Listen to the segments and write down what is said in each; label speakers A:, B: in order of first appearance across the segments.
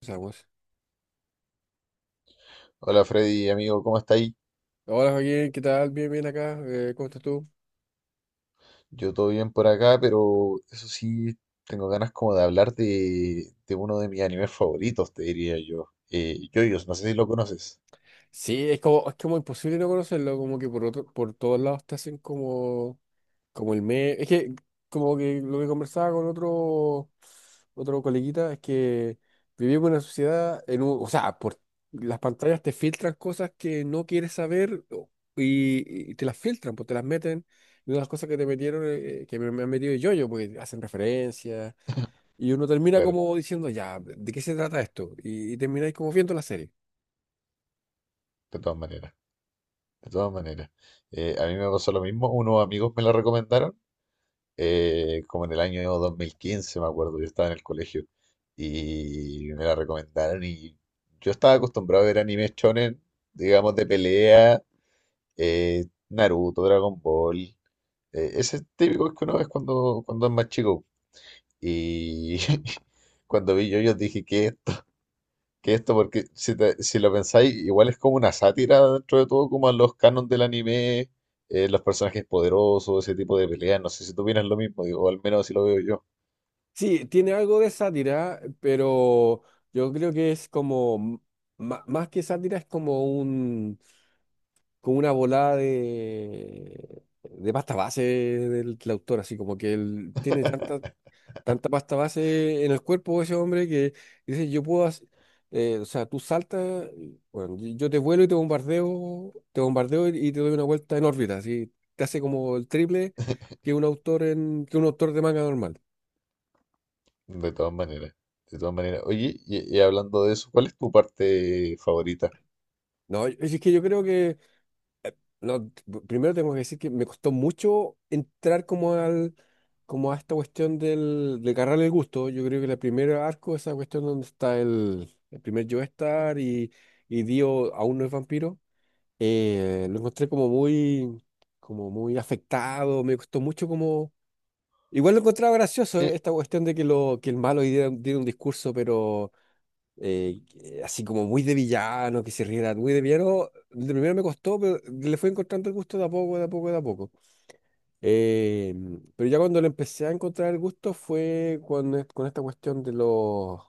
A: Empezamos.
B: Hola Freddy, amigo, ¿cómo está ahí?
A: Hola Joaquín, ¿qué tal? Bien, bien acá. ¿Cómo estás tú?
B: Yo todo bien por acá, pero eso sí, tengo ganas como de hablar de uno de mis animes favoritos, te diría yo. Yoyos, no sé si lo conoces.
A: Sí, es como imposible no conocerlo, como que por todos lados te hacen como, como el meme. Es que como que lo que conversaba con otro coleguita es que vivimos en una sociedad, o sea, por las pantallas te filtran cosas que no quieres saber o- y te las filtran, pues te las meten. Y una de las cosas que te metieron, que me han metido yo, porque hacen referencias. Y uno termina
B: Claro,
A: como diciendo, ya, ¿de qué se trata esto? Y termináis como viendo la serie.
B: de todas maneras, de todas maneras. A mí me pasó lo mismo, unos amigos me lo recomendaron, como en el año 2015, me acuerdo, yo estaba en el colegio, y me la recomendaron y yo estaba acostumbrado a ver animes shonen, digamos, de pelea, Naruto, Dragon Ball. Ese típico es que uno es cuando, cuando es más chico. Y cuando vi yo, dije, ¿qué es esto? ¿Qué es esto? Porque si, si lo pensáis, igual es como una sátira dentro de todo, como a los canons del anime, los personajes poderosos, ese tipo de peleas. No sé si tú opinas lo mismo, digo, o al menos así lo veo yo.
A: Sí, tiene algo de sátira, pero yo creo que es más que sátira, es como un, como una volada de pasta base del autor, así como que él tiene tanta, tanta pasta base en el cuerpo de ese hombre que dice, yo puedo hacer, o sea, tú saltas, bueno, y yo te vuelo y te bombardeo y te doy una vuelta en órbita, así te hace como el triple que un autor de manga normal.
B: De todas maneras, de todas maneras. Oye, y hablando de eso, ¿cuál es tu parte favorita?
A: No, es que yo creo que, no, t- primero tengo que decir que me costó mucho entrar como a esta cuestión de agarrarle el gusto. Yo creo que el primer arco, esa cuestión donde está el primer Joestar y Dio aún no es vampiro. Lo encontré como muy afectado, me costó mucho como... Igual lo encontraba gracioso,
B: Sí,
A: esta cuestión de que el malo diera un discurso, pero así como muy de villano, que se riera muy de villano. De primero me costó, pero le fui encontrando el gusto de a poco, de a poco, de a poco. Eh, pero ya cuando le empecé a encontrar el gusto fue con esta cuestión de los...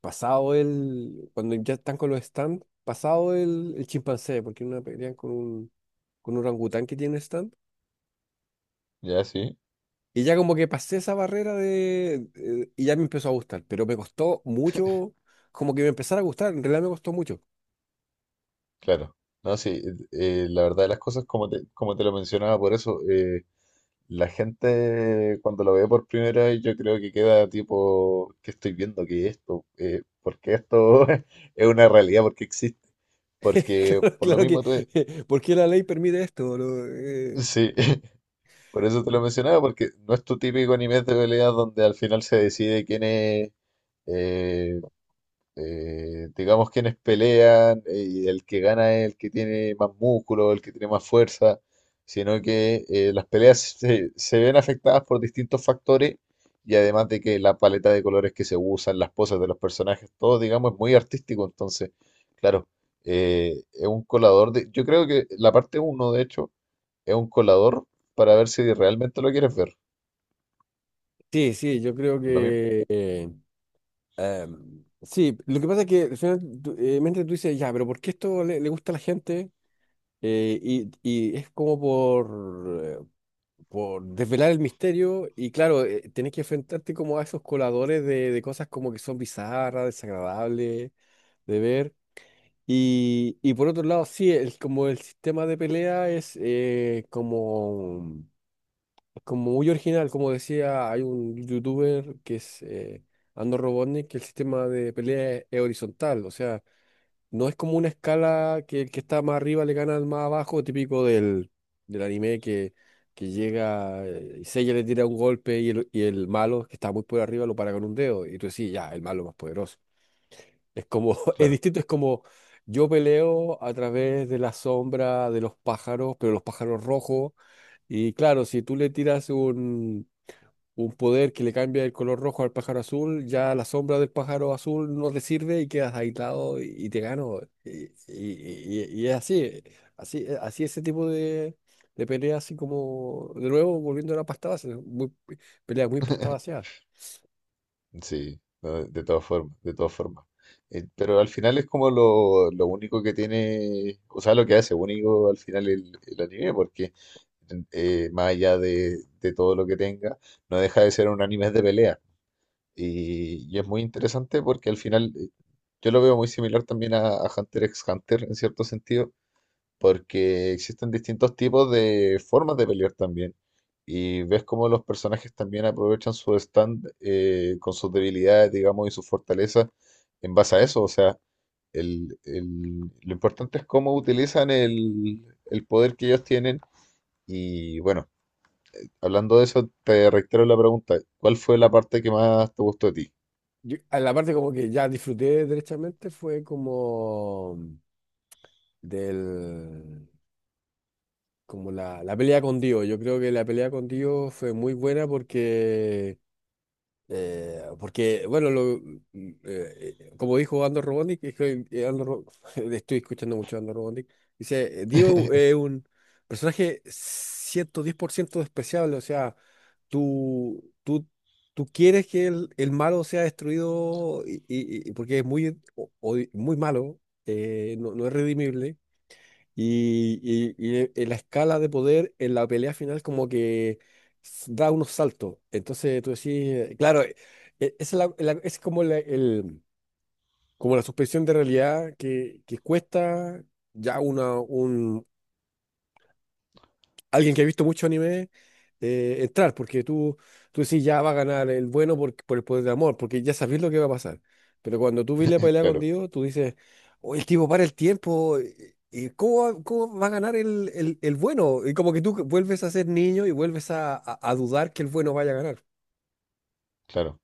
A: Pasado el... Cuando ya están con los stands, pasado el chimpancé, porque una pelean con un orangután que tiene un stand.
B: ya sí,
A: Y ya como que pasé esa barrera de... Y ya me empezó a gustar, pero me costó mucho, como que me empezara a gustar, en realidad me costó mucho.
B: claro. No, sí, la verdad de las cosas, como te lo mencionaba, por eso. La gente cuando lo ve por primera vez yo creo que queda tipo, ¿qué estoy viendo? ¿Qué es esto? ¿Por qué esto es una realidad? ¿Por qué existe? Porque
A: Claro,
B: por lo
A: claro que,
B: mismo tú...
A: ¿por qué la ley permite esto? No,
B: Sí, por eso te lo mencionaba, porque no es tu típico anime de peleas donde al final se decide quién es, eh, digamos, quienes pelean, y el que gana es el que tiene más músculo, el que tiene más fuerza, sino que las peleas se ven afectadas por distintos factores y además de que la paleta de colores que se usan, las poses de los personajes, todo, digamos, es muy artístico, entonces, claro, es un colador de, yo creo que la parte uno de hecho, es un colador para ver si realmente lo quieres ver,
A: Sí, sí, yo creo
B: lo mismo,
A: que... sí, lo que pasa es que al final mente tú dices, ya, pero ¿por qué esto le gusta a la gente? Y es como por desvelar el misterio y claro, tenés que enfrentarte como a esos coladores de cosas como que son bizarras, desagradables de ver. Y por otro lado, sí, el, como el sistema de pelea es como muy original, como decía, hay un youtuber que es Andor Robotnik, que el sistema de pelea es horizontal, o sea, no es como una escala que el que está más arriba le gana al más abajo, típico del anime que llega, y Seiya le tira un golpe y y el malo que está muy por arriba lo para con un dedo. Y tú decís, ya, el malo más poderoso. Es como, es
B: claro.
A: distinto, es como yo peleo a través de la sombra de los pájaros, pero los pájaros rojos. Y claro, si tú le tiras un poder que le cambia el color rojo al pájaro azul, ya la sombra del pájaro azul no te sirve y quedas aislado y te gano. Y es así, así ese tipo de peleas, así como, de nuevo, volviendo a la pasta base, ¿no? Muy, peleas muy pasta vaciada.
B: Sí, no, de todas formas, de todas formas. Pero al final es como lo único que tiene, o sea, lo que hace único al final el anime, porque más allá de todo lo que tenga, no deja de ser un anime de pelea. Y es muy interesante porque al final yo lo veo muy similar también a Hunter x Hunter en cierto sentido, porque existen distintos tipos de formas de pelear también. Y ves cómo los personajes también aprovechan su stand con sus debilidades, digamos, y sus fortalezas en base a eso. O sea, lo importante es cómo utilizan el poder que ellos tienen. Y bueno, hablando de eso, te reitero la pregunta, ¿cuál fue la parte que más te gustó de ti?
A: Yo- a la parte como que ya disfruté derechamente fue como del... como la pelea con Dio. Yo creo que la pelea con Dio fue muy buena porque, bueno, como dijo Andor Robonik, es que, Andor Ro- estoy escuchando mucho a Andor Robonik, dice, Dio es un personaje 110% despreciable, o sea, tú, tú, tú quieres que el malo sea destruido porque es muy, muy malo, no, no es redimible, la escala de poder en la pelea final como que da unos saltos. Entonces tú decís, eh, claro, e- esa es, es como como la suspensión de realidad que cuesta ya una, alguien que ha visto mucho anime entrar, porque tú decís ya va a ganar el bueno por el poder del amor, porque ya sabes lo que va a pasar. Pero cuando tú ves la pelea con
B: Claro,
A: Dios, tú dices, oye, el tipo para el tiempo, ¿ cómo va a ganar el bueno? Y como que tú vuelves a ser niño y vuelves a dudar que el bueno vaya a ganar.
B: claro.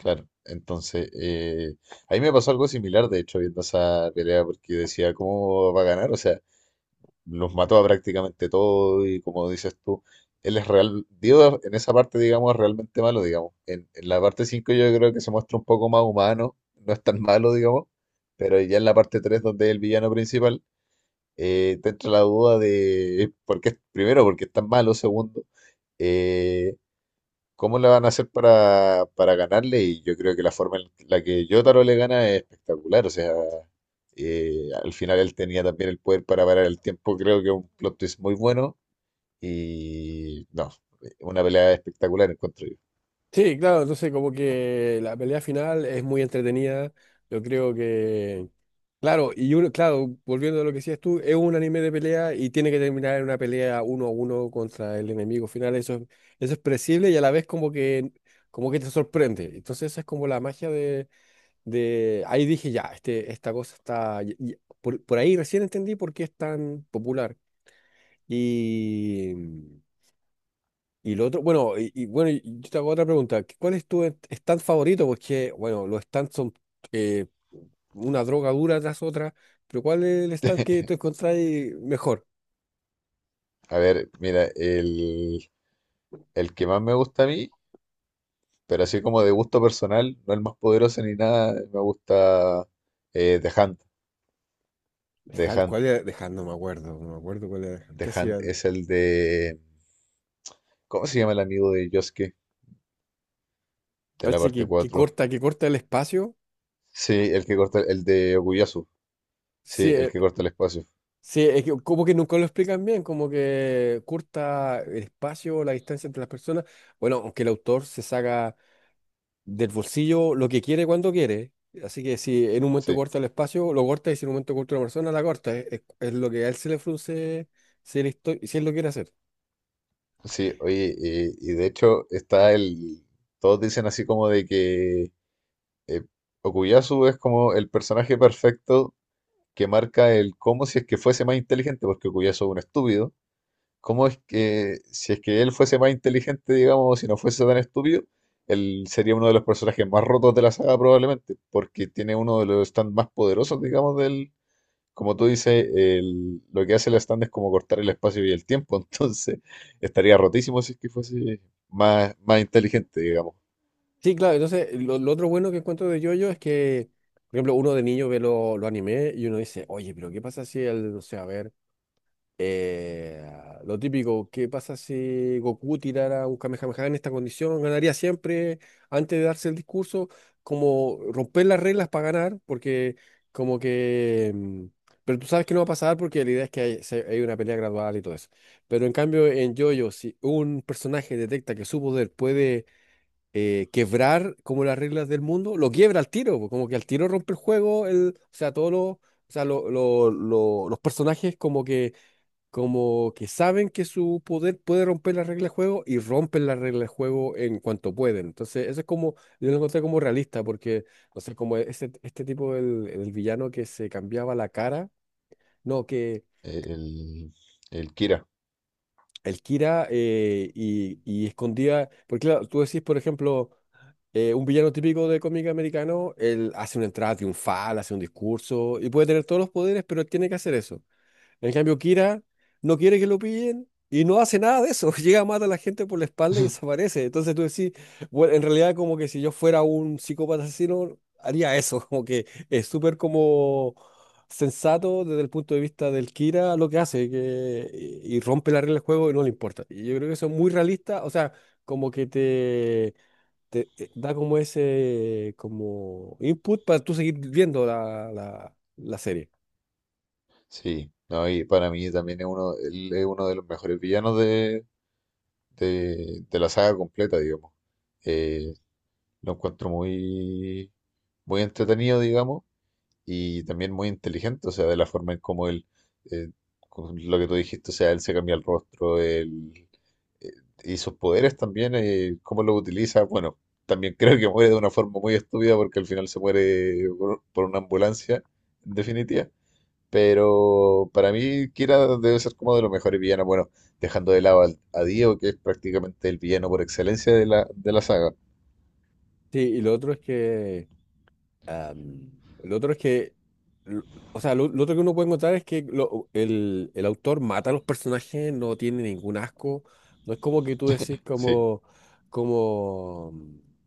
B: Claro, entonces, a mí me pasó algo similar, de hecho, viendo esa pelea, porque decía, ¿cómo va a ganar? O sea, los mató a prácticamente todo y como dices tú, él es real, Dio en esa parte, digamos, es realmente malo, digamos. En la parte 5 yo creo que se muestra un poco más humano, no es tan malo, digamos, pero ya en la parte 3 donde es el villano principal, te entra la duda de, por qué, primero, porque es tan malo, segundo, eh, ¿cómo le van a hacer para ganarle? Y yo creo que la forma en la que Jotaro le gana es espectacular. O sea, al final él tenía también el poder para parar el tiempo. Creo que es un plot twist muy bueno. Y no, una pelea espectacular encuentro yo.
A: Sí, claro, entonces como que la pelea final es muy entretenida. Yo creo. Claro, y uno, claro, volviendo a lo que decías tú, es un anime de pelea y tiene que terminar en una pelea uno a uno contra el enemigo final. Eso es predecible y a la vez como como que te sorprende. Entonces esa es como la magia de... Ahí dije, ya, este, esta cosa está... por ahí recién entendí por qué es tan popular. Y... Y lo otro, bueno, yo te hago otra pregunta. ¿Cuál es tu stand favorito? Porque, bueno, los stands son eh, una droga dura tras otra, pero ¿cuál es el stand que tú encontrás mejor?
B: A ver, mira, el que más me gusta a mí, pero así como de gusto personal, no el más poderoso ni nada, me gusta The Hunt.
A: De
B: The
A: Hand,
B: Hunt.
A: ¿cuál era? De Hand no me acuerdo, no me acuerdo cuál era. De Hand.
B: The
A: ¿Qué hacía
B: Hunt
A: él?
B: es el de... ¿Cómo se llama el amigo de Yosuke? De la
A: Parece
B: parte cuatro.
A: que corta el espacio.
B: Sí, el que corta, el de Okuyasu. Sí,
A: Sí,
B: el que corta el espacio.
A: sí, es que como que nunca lo explican bien, como que corta el espacio, la distancia entre las personas. Bueno, aunque el autor se saca del bolsillo lo que quiere cuando quiere. Así que si en un momento
B: Sí,
A: corta el espacio, lo corta y si en un momento corta una persona, la corta. Es lo que a él se le frunce si él lo quiere hacer.
B: sí, oye, y de hecho está el. Todos dicen así como de que eh, Okuyasu es como el personaje perfecto que marca el cómo si es que fuese más inteligente, porque Okuyasu es un estúpido. ¿Cómo es que si es que él fuese más inteligente, digamos, si no fuese tan estúpido, él sería uno de los personajes más rotos de la saga probablemente, porque tiene uno de los stands más poderosos, digamos, del, como tú dices, el- lo que hace la stand es como cortar el espacio y el tiempo, entonces estaría rotísimo si es que fuese más, más inteligente, digamos,
A: Sí, claro, entonces lo otro bueno que encuentro de JoJo es que, por ejemplo, uno de niño ve los animes y uno dice, oye, pero ¿qué pasa si el, no sé, a ver. Eh, lo típico, ¿qué pasa si Goku tirara un Kamehameha en esta condición? Ganaría siempre antes de darse el discurso, como romper las reglas para ganar, porque como que... pero tú sabes que no va a pasar porque la idea es que hay una pelea gradual y todo eso. Pero en cambio en JoJo, si un personaje detecta que su poder puede quebrar como las reglas del mundo, lo quiebra al tiro, po, como que al tiro rompe el juego, el, o sea, todos los... O sea, los personajes como que saben que su poder puede romper las reglas de juego y rompen las reglas de juego en cuanto pueden. Entonces, eso es como, yo lo encontré como realista, porque, no sé, como este tipo, el villano que se cambiaba la cara, no, que
B: el, el Kira.
A: el Kira, y escondía, porque claro, tú decís, por ejemplo, un villano típico de cómic americano, él hace una entrada triunfal, hace un discurso y puede tener todos los poderes, pero él tiene que hacer eso. En cambio, Kira no quiere que lo pillen y no hace nada de eso. Llega, mata a la gente por la espalda y desaparece. Entonces tú decís, bueno, en realidad como que si yo fuera un psicópata asesino, haría eso. Como que es súper como sensato desde el punto de vista del Kira lo que hace que, y rompe la regla del juego y no le importa. Y yo creo que eso es muy realista. O sea, como que te... te da como ese como input para tú seguir viendo la serie.
B: Sí, no, y para mí también es uno, él es uno de los mejores villanos de la saga completa, digamos. Eh, lo encuentro muy, muy entretenido, digamos, y también muy inteligente, o sea, de la forma en cómo él, eh, con lo que tú dijiste, o sea, él se cambia el rostro, él, eh, y sus poderes también, cómo los utiliza, bueno, también creo que muere de una forma muy estúpida porque al final se muere por una ambulancia, en definitiva, pero para mí Kira debe ser como de los mejores villanos, bueno, dejando de lado a Dio, que es prácticamente el villano por excelencia de la saga,
A: Sí, y lo otro es que, Am, el otro es l- o sea, lo otro que uno puede encontrar es que el autor mata a los personajes, no tiene ningún asco. No es como que tú decís
B: sí,
A: como, como,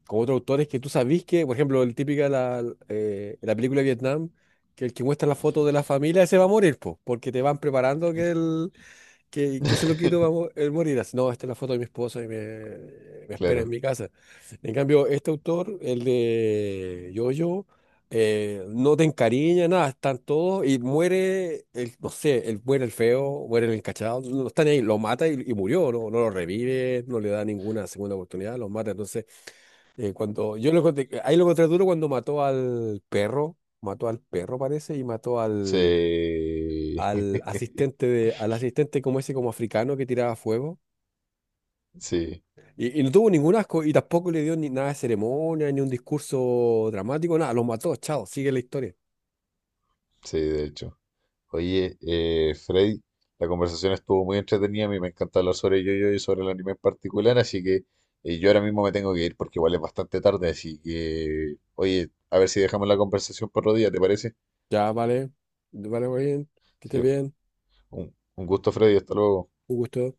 A: como otros autores que tú sabís que, por ejemplo, la película de Vietnam, que el que muestra la foto de la familia, ese va a morir, po, porque te van preparando que que se lo quito va a mo- el morir. Así, no, esta es la foto de mi esposa y me espera en
B: claro.
A: mi casa. En cambio, este autor, el de Yoyo, no te encariña, nada, están todos y muere, el, no sé, el, muere el feo, muere el encachado, no están ahí, lo mata y murió, no, no lo revive, no le da ninguna segunda oportunidad, lo mata. Entonces, cuando yo lo encontré, ahí lo encontré duro cuando mató al perro parece y mató al
B: Sí,
A: al asistente como ese como africano que tiraba fuego.
B: sí.
A: Y no tuvo ningún asco y tampoco le dio ni nada de ceremonia, ni un discurso dramático, nada, los mató, chao, sigue la historia.
B: Sí, de hecho. Oye, Freddy, la conversación estuvo muy entretenida. A mí me encanta hablar sobre yo y sobre el anime en particular. Así que yo ahora mismo me tengo que ir porque igual es bastante tarde. Así que, oye, a ver si dejamos la conversación para otro día, ¿te parece?
A: Ya, vale, vale, muy bien, que estés
B: Sí,
A: bien,
B: un gusto, Freddy. Hasta luego.
A: un gusto.